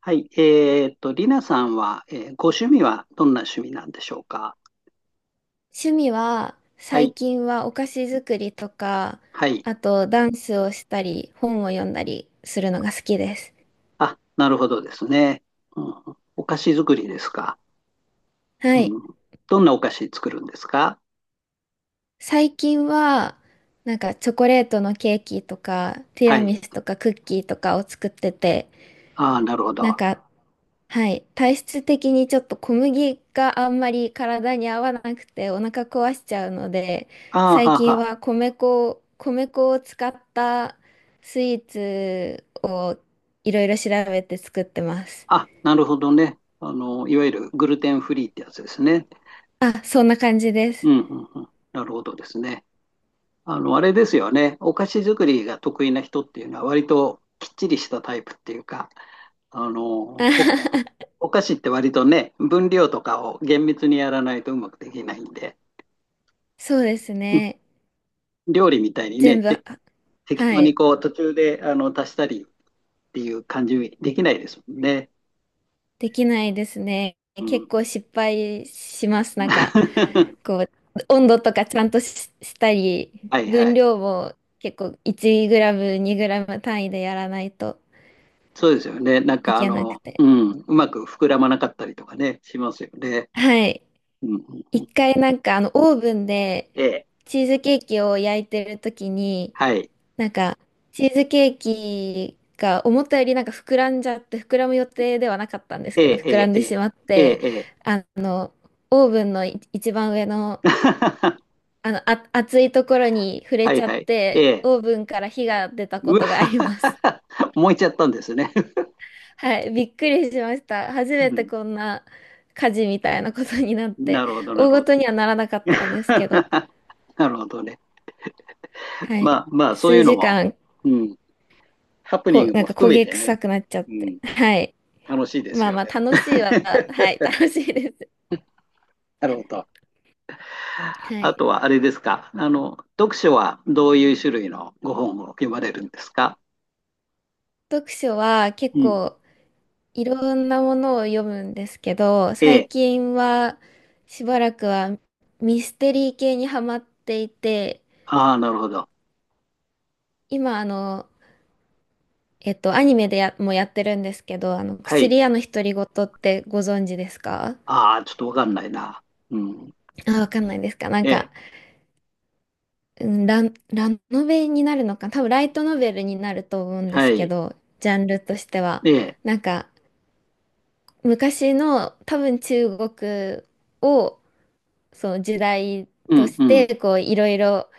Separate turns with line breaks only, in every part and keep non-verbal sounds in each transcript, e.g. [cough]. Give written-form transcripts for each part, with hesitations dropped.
はい。リナさんは、ご趣味はどんな趣味なんでしょうか？
趣味は
は
最
い。
近はお菓子作りとか、
はい。
あとダンスをしたり、本を読んだりするのが好きです。
あ、なるほどですね。うん、お菓子作りですか。
は
う
い。
ん。どんなお菓子作るんですか？
最近はなんかチョコレートのケーキとか、ティ
は
ラミ
い。
スとかクッキーとかを作ってて、
ああ、なるほど。
なん
あ
かはい。体質的にちょっと小麦があんまり体に合わなくてお腹壊しちゃうので、
あ、
最
はあ
近
は
は米粉を使ったスイーツをいろいろ調べて作ってます。
あ。あ、なるほどね。あの、いわゆるグルテンフリーってやつですね。
あ、そんな感じで
う
す。
ん、うん、うん。なるほどですね。あの、あれですよね。お菓子作りが得意な人っていうのは割ときっちりしたタイプっていうか、あ
[laughs] あ
の、
は
お
は
お菓子って割とね、分量とかを厳密にやらないとうまくできないんで、
そうです
うん、
ね。
料理みたいにね、
全部、あ
て適
は
当に
い。
こう途中であの足したりっていう感じできないですもんね。
できないですね。
う
結構
ん。
失敗します。なんか、
[laughs]
こう、温度とかちゃんとし、したり、
はいは
分
い。
量も結構1グラム、2グラム単位でやらないと
そうですよね。なん
い
かあ
けなく
の、う
て。
ん、うまく膨らまなかったりとかね、しますよね。
はい。
うんうん。
一回なんかあのオーブンで
ええ。
チーズケーキを焼いてる時に、
はい。
なんかチーズケーキが思ったよりなんか膨らんじゃって、膨らむ予定ではなかったんです
え
けど、
え、
膨
え
らん
え。
でしまっ
ええ、
て、
ええ。
あの、オーブンの一番上の
[laughs]
あの暑いところに触れ
は
ち
い
ゃ
は
っ
い。え
て、
え。
オーブンから火が出た
う
こ
わ。
とがあります。
[laughs] 燃えちゃったんですね。
[laughs] はい、びっくりしました。初め
う
て
ん。
こんな火事みたいなことになって、
なるほど、な
大
るほど。
事にはならなかったんですけど、
[laughs] なるほどね。
はい、
まあまあ、そうい
数
うの
時
も、
間、
うん、ハプニング
なん
も
か
含
焦
め
げ
て
臭
ね、
くなっちゃっ
う
て、
ん、
はい、
楽しいです
まあ
よ
まあ
ね。
楽しいは、は
[laughs]
い、楽しいです。
なるほど。
は
あ
い。
とはあれですか、あの、読書はどういう種類のご本を読まれるんですか？
読書は結
うん。
構いろんなものを読むんですけど、
え
最
え。
近はしばらくはミステリー系にハマっていて、
ああ、なるほど。
今あの、アニメでや、もやってるんですけど、あの、
はい。
薬屋の独り言ってご存知ですか？
ああ、ちょっとわかんないな。うん。
あ、わかんないですか？なん
ええ。
か、うん、ラノベになるのか、多分ライトノベルになると思うんで
は
すけ
い。
ど、ジャンルとしては。
ええ。
なんか、昔の多分中国を、その時代
う
と
ん
し
うん。
て、こう、いろいろ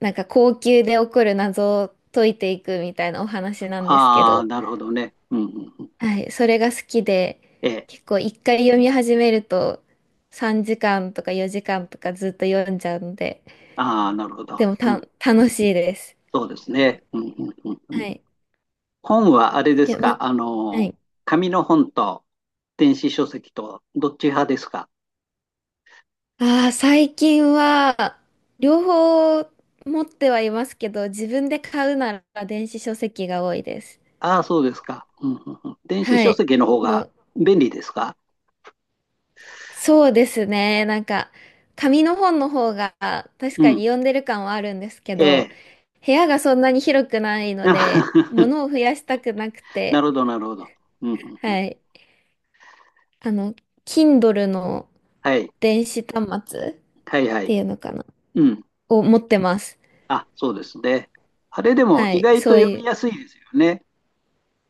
なんか後宮で起こる謎を解いていくみたいなお話なんですけ
ああ、
ど、
なるほどね。うんうんうん。
はい、それが好きで、
ええ。
結構一回読み始めると3時間とか4時間とかずっと読んじゃうので、
ああ、なるほ
で
ど。
も
う
た、
ん。
楽しいです。
そうですね。うんうんうん
は
うん。
い。
本はあれで
い
す
や、ま、
か、あ
は
の、
い。
紙の本と電子書籍とどっち派ですか？
ああ、最近は、両方持ってはいますけど、自分で買うなら電子書籍が多いです。
ああ、そうですか。うんうんうん。電子
は
書
い。
籍の方が便利ですか？
そうですね。なんか、紙の本の方が確
う
か
ん。
に読んでる感はあるんですけ
え
ど、
え。
部屋がそんなに広くないので、物を
[laughs]
増やしたくなく
な
て、
るほど、なるほど。うんうんうん。
はい。あの、Kindle の
はい。
電子端末
はい、は
て
い。
いうのかな
うん。
を持ってます。
あ、そうですね。あれでも
は
意
い。
外と
そう
読
い
み
う。
やすいですよね。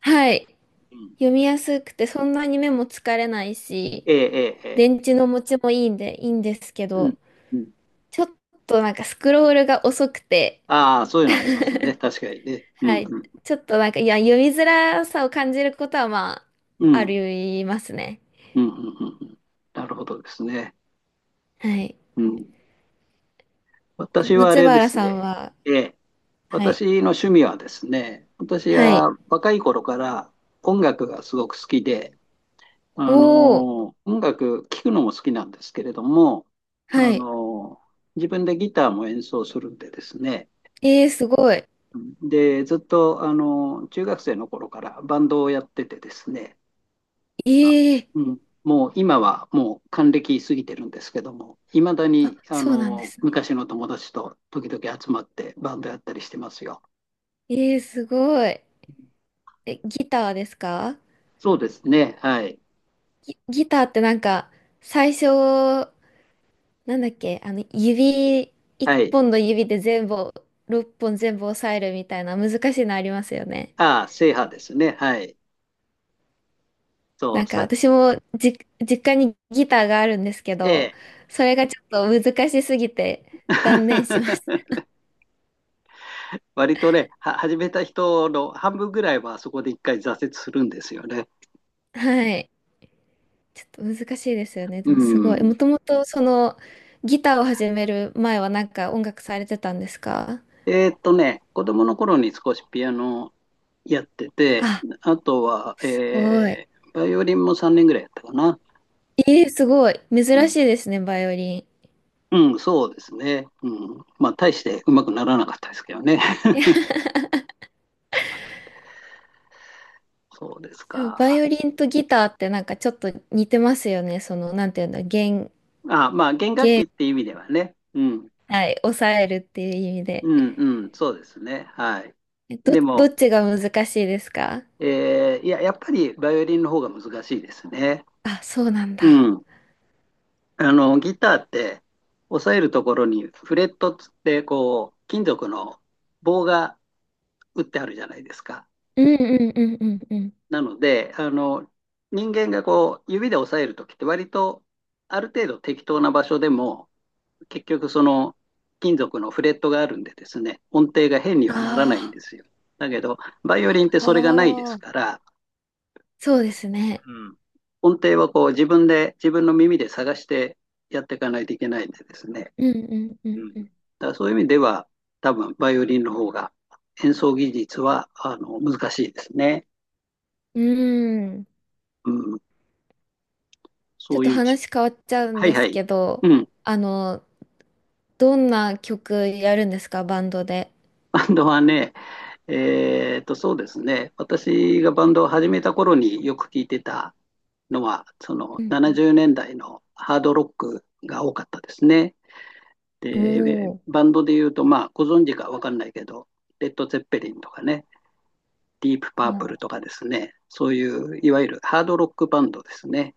はい。
うん。
読みやすくて、そんなに目も疲れないし、
ええ、ええ、ええ。
電池の持ちもいいんで、いいんですけ
うん。
ど、
うん。
ちょっとなんかスクロールが遅くて、
ああ、そういうのありますね。確かにね。うん、
はい。
うん。
ちょっとなんか、いや、読みづらさを感じることは、ま
う
あ、あ
ん、
りますね。
うん、うん。うんうん、なるほどですね。
はい。
うん。私はあ
松
れで
原
す
さ
ね。
んは、
ええ。
は
私
い。
の趣味はですね、私
はい。
は若い頃から音楽がすごく好きで、
お
あ
ー。
の、音楽聴くのも好きなんですけれども、あ
はい。
の、自分でギターも演奏するんでですね、
えー、すごい。
で、ずっと、あの、中学生の頃からバンドをやっててですね、あ、
えー。
うん、もう今はもう還暦過ぎてるんですけども、いまだ
あ、
にあ
そうなんで
の
すね。
昔の友達と時々集まってバンドやったりしてますよ。
えー、すごい。え、ギターですか？
そうですね。はい。
ギターってなんか、最初、なんだっけ、あの、指、一
はい。
本の指で全部、六本全部押さえるみたいな難しいのありますよね。
ああ、制覇ですね。はい。そ
な
う。
んか
さ、
私もじ、実家にギターがあるんですけ
え
ど、
え。
それがちょっと難しすぎて断念しまし
[laughs] 割とね、は、始めた人の半分ぐらいはそこで一回挫折するんですよね。
た。[laughs] はい。ちょっと難しいですよね。
う
でもすごい。
ん。
もともとそのギターを始める前はなんか音楽されてたんですか？
子供の頃に少しピアノやってて、
あ、
あとは、
すごい。
バイオリンも3年ぐらいやったかな。
えー、すごい。珍
うん、
しいですね、バイオリン。
うん、そうですね。うん。まあ、大してうまくならなかったですけどね。
い
[laughs]
や、
そうです
でもバイ
か。
オリンとギターってなんかちょっと似てますよね。その、なんていうんだ、弦、
あ、まあ、弦楽器っていう意味ではね。うん、
はい、抑えるっていう意味
う
で。
ん、うん、そうですね。はい。
えど、
で
ど
も、
っちが難しいですか？
いや、やっぱりバイオリンの方が難しいですね。
あ、そうなんだ。
うん。あの、ギターって、押さえるところにフレットっつって、こう、金属の棒が打ってあるじゃないですか。
うんうんうんうんうん。
なので、あの、人間がこう、指で押さえるときって割と、ある程度適当な場所でも、結局その、金属のフレットがあるんでですね、音程が変にはならないん
あ
ですよ。だけど、バイオリンっ
あ、
てそれがないで
あ
す
あ、
から、
そうですね。
うん。音程はこう、自分で、自分の耳で探してやっていかないといけないんでですね。
うんうんう
う
ん
ん。だ
うん。
からそういう意味では、多分、バイオリンの方が、演奏技術は、あの、難しいですね。
うーん。
うん。
ち
そ
ょっ
う
と
いうち、
話変わっちゃうん
はい
で
は
す
い。
けど、
うん。
あの、どんな曲やるんですか、バンドで。
バンドはね、そうですね、私がバンドを始めた頃によく聞いてたのは、その
うんうん
70年代のハードロックが多かったですね。
お
で、
ー
バンドで言うと、まあ、ご存知か分かんないけど、レッド・ゼッペリンとかね、ディープ・パープルと
お
かですね、そういういわゆるハードロックバンドですね。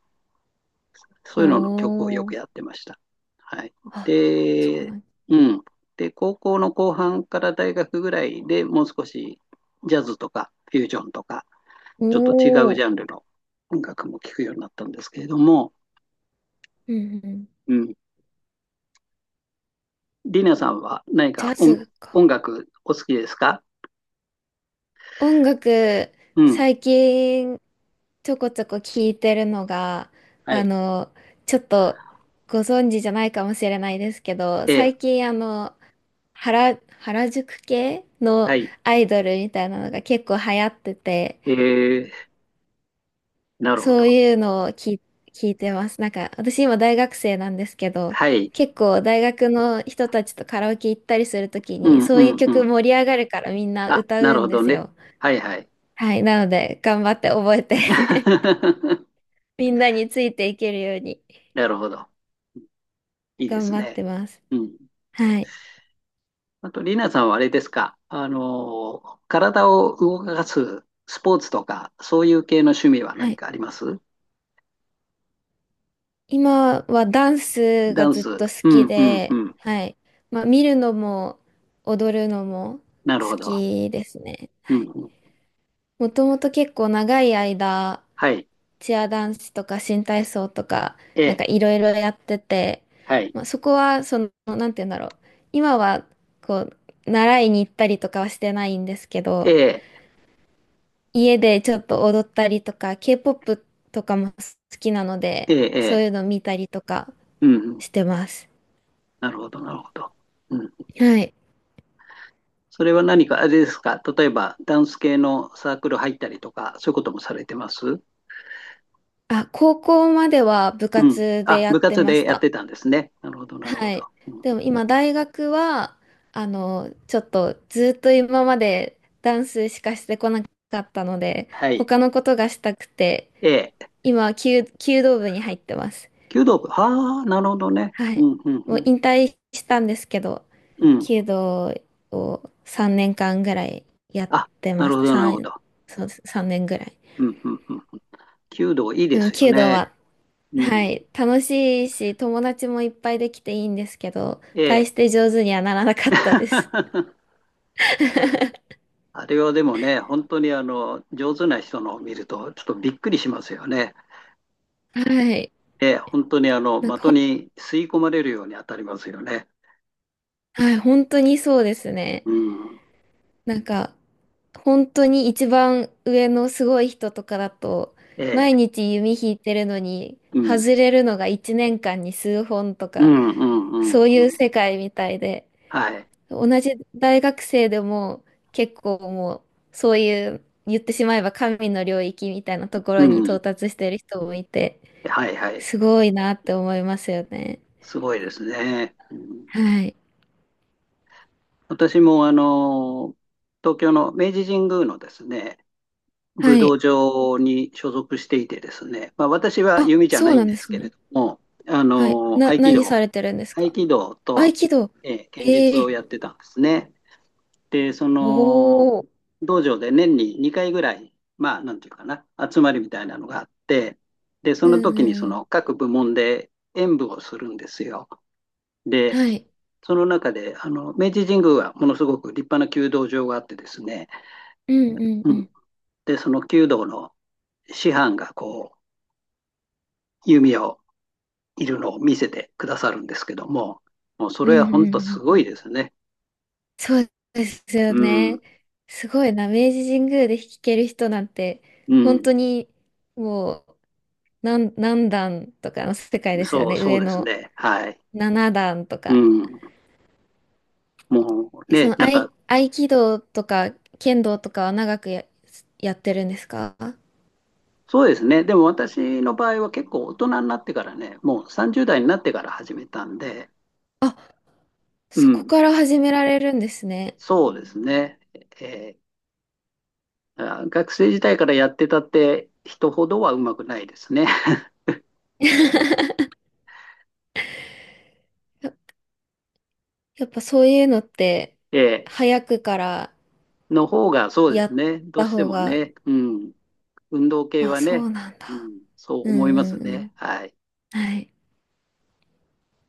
そ
ー、
ういうのの曲を
お
よく
お、
やってました。はい。
あ、そうな
で、
ん、
うん。で、高校の後半から大学ぐらいでもう少しジャズとかフュージョンとか、
お
ちょっと違うジ
お、
ャンルの音楽も聴くようになったんですけれども、
うんうん。
うん。リナさんは何
ジ
か
ャ
音、
ズか。
音楽お好きですか？
音楽、
うん。
最近ちょこちょこ聞いてるのが、
は
あ
い。
の、ちょっとご存知じゃないかもしれないですけど、
ええ、
最近あの、原宿系の
はい。
アイドルみたいなのが結構流行ってて、
ええ、なるほ
そ
ど。
ういうのを聞い、聞いてます。なんか、私今大学生なんですけど、
はい。
結構大学の人たちとカラオケ行ったりするとき
う
に、
ん
そ
う
ういう
んう
曲
ん。
盛り上がるからみんな
あ、
歌
な
う
るほ
んで
ど
す
ね。
よ。
はいはい。
はい。なので、頑張って覚えて [laughs]
[laughs]
みんなについていけるように
なるほど。いいで
頑
す
張っ
ね。
てます。
うん。
はい。
あと、リナさんはあれですか、あの、体を動かすスポーツとか、そういう系の趣味は
は
何
い。
かあります？
今はダンス
ダ
が
ン
ずっ
ス。
と
う
好き
ん、うん、う
で、
ん。
はい。まあ、見るのも踊るのも
なるほ
好
ど。
きですね。
う
は
ん、
い。
うん。
もともと結構長い間、
はい。
チアダンスとか新体操とか、
え
なんか
え、
いろいろやってて、
はい。
まあ、そこは、その、なんて言うんだろう。今は、こう、習いに行ったりとかはしてないんですけ
え
ど、
え、
家でちょっと踊ったりとか、K-POP とかも好きなの
え
で、
え、
そう
ええ、
いうの見たりとか
うん、うん。
してます。
なるほど、なるほど。うん。
はい。
それは何か、あれですか、例えば、ダンス系のサークル入ったりとか、そういうこともされてます？
あ、高校までは部
うん。
活で
あ、
や
部
って
活
まし
でやっ
た。
てたんですね。なるほど、なるほ
は
ど。
い。
うん、
でも今大学は、あの、ちょっとずっと今までダンスしかしてこなかったので、
はい。
他のことがしたくて、
ええ、
今、弓道部に入ってます。
弓道部。ああ、なるほどね。
はい。
うん、うん、う
もう
ん。
引退したんですけど、
うん。
弓道を3年間ぐらいやっ
あ、
て
な
ま
る
し
ほ
た。
ど、なる
3、
ほど。
そうです、年ぐらい。
うん、うん、うん。弓道いい
で
で
も
すよ
弓道
ね。
は、
う
は
ん。
い、楽しいし、友達もいっぱいできていいんですけど、
え
大
え。
して上手にはならなかったです。
[laughs] あれはでもね、本当にあの、上手な人のを見ると、ちょっとびっくりしますよね。
はい。
ええ、本当にあの、
なんか
的
ほん、
に吸い込まれるように当たりますよね。
はい、本当にそうですね。
うん。
なんか、本当に一番上のすごい人とかだと、
え
毎
え。
日弓引いてるのに、
うん。
外れるのが1年間に数本と
う
か、
ん、うん、うん、う
そういう
ん。
世界みたいで、
はい。
同じ大学生でも結構う、そういう、言ってしまえば神の領域みたいなとこ
う
ろに到
ん。
達してる人もいて、
はい、はい。
すごいなって思いますよね。
すごいですね。うん、
はい。
私もあの、東京の明治神宮のですね、武
は
道
い。
場に所属していてですね、まあ、私は
あ、
弓じゃ
そ
な
う
い
な
ん
ん
で
で
す
す
けれ
ね。
ども、あ
はい。
の、
な、
合気
何
道、
されてるんです
合
か？
気道
合
と、
気道。
剣術
え
を
え
やってたんですね。で、そ
お
の、
お。
道場で年に2回ぐらい、まあ、なんていうかな、集まりみたいなのがあって、で、そ
う
の
ん
時
う
にそ
んう
の
ん。
各部門で演舞をするんですよ。で、
はい。
その中で、あの、明治神宮はものすごく立派な弓道場があってですね、
うんうん
う
う
ん。
ん。
で、その弓道の師範がこう、弓矢をいるのを見せてくださるんですけども、もうそ
うん
れ
う
は
んう
本当す
んう
ごい
ん。
ですね。
そうですよ
うん、
ね。すごいな。明治神宮で弾ける人なんて、
う
本
ん、
当にもう何段とかの世界ですよ
そう、
ね。
そう
上
です
の
ね。はい。
7段と
う
か。
ん、もう
えそ
ね、
の合
なんか、
い、合気道とか剣道とかは長くやってるんですか？
そうですね。でも私の場合は結構大人になってからね、もう30代になってから始めたんで、
あ、
う
そこ
ん、
から始められるんですね。
そうですね。えーあ、学生時代からやってたって人ほどはうまくないですね。
や [laughs] やっぱそういうのって、
[laughs] え
早くから
の方がそうで
や
す
っ
ね。どう
た
して
方
も
が、
ね。うん。運動系
あ、
は
そ
ね、
うなん
う
だ。
ん、そう
う
思いま
ん
す
うんう
ね。
ん。
はい。
はい。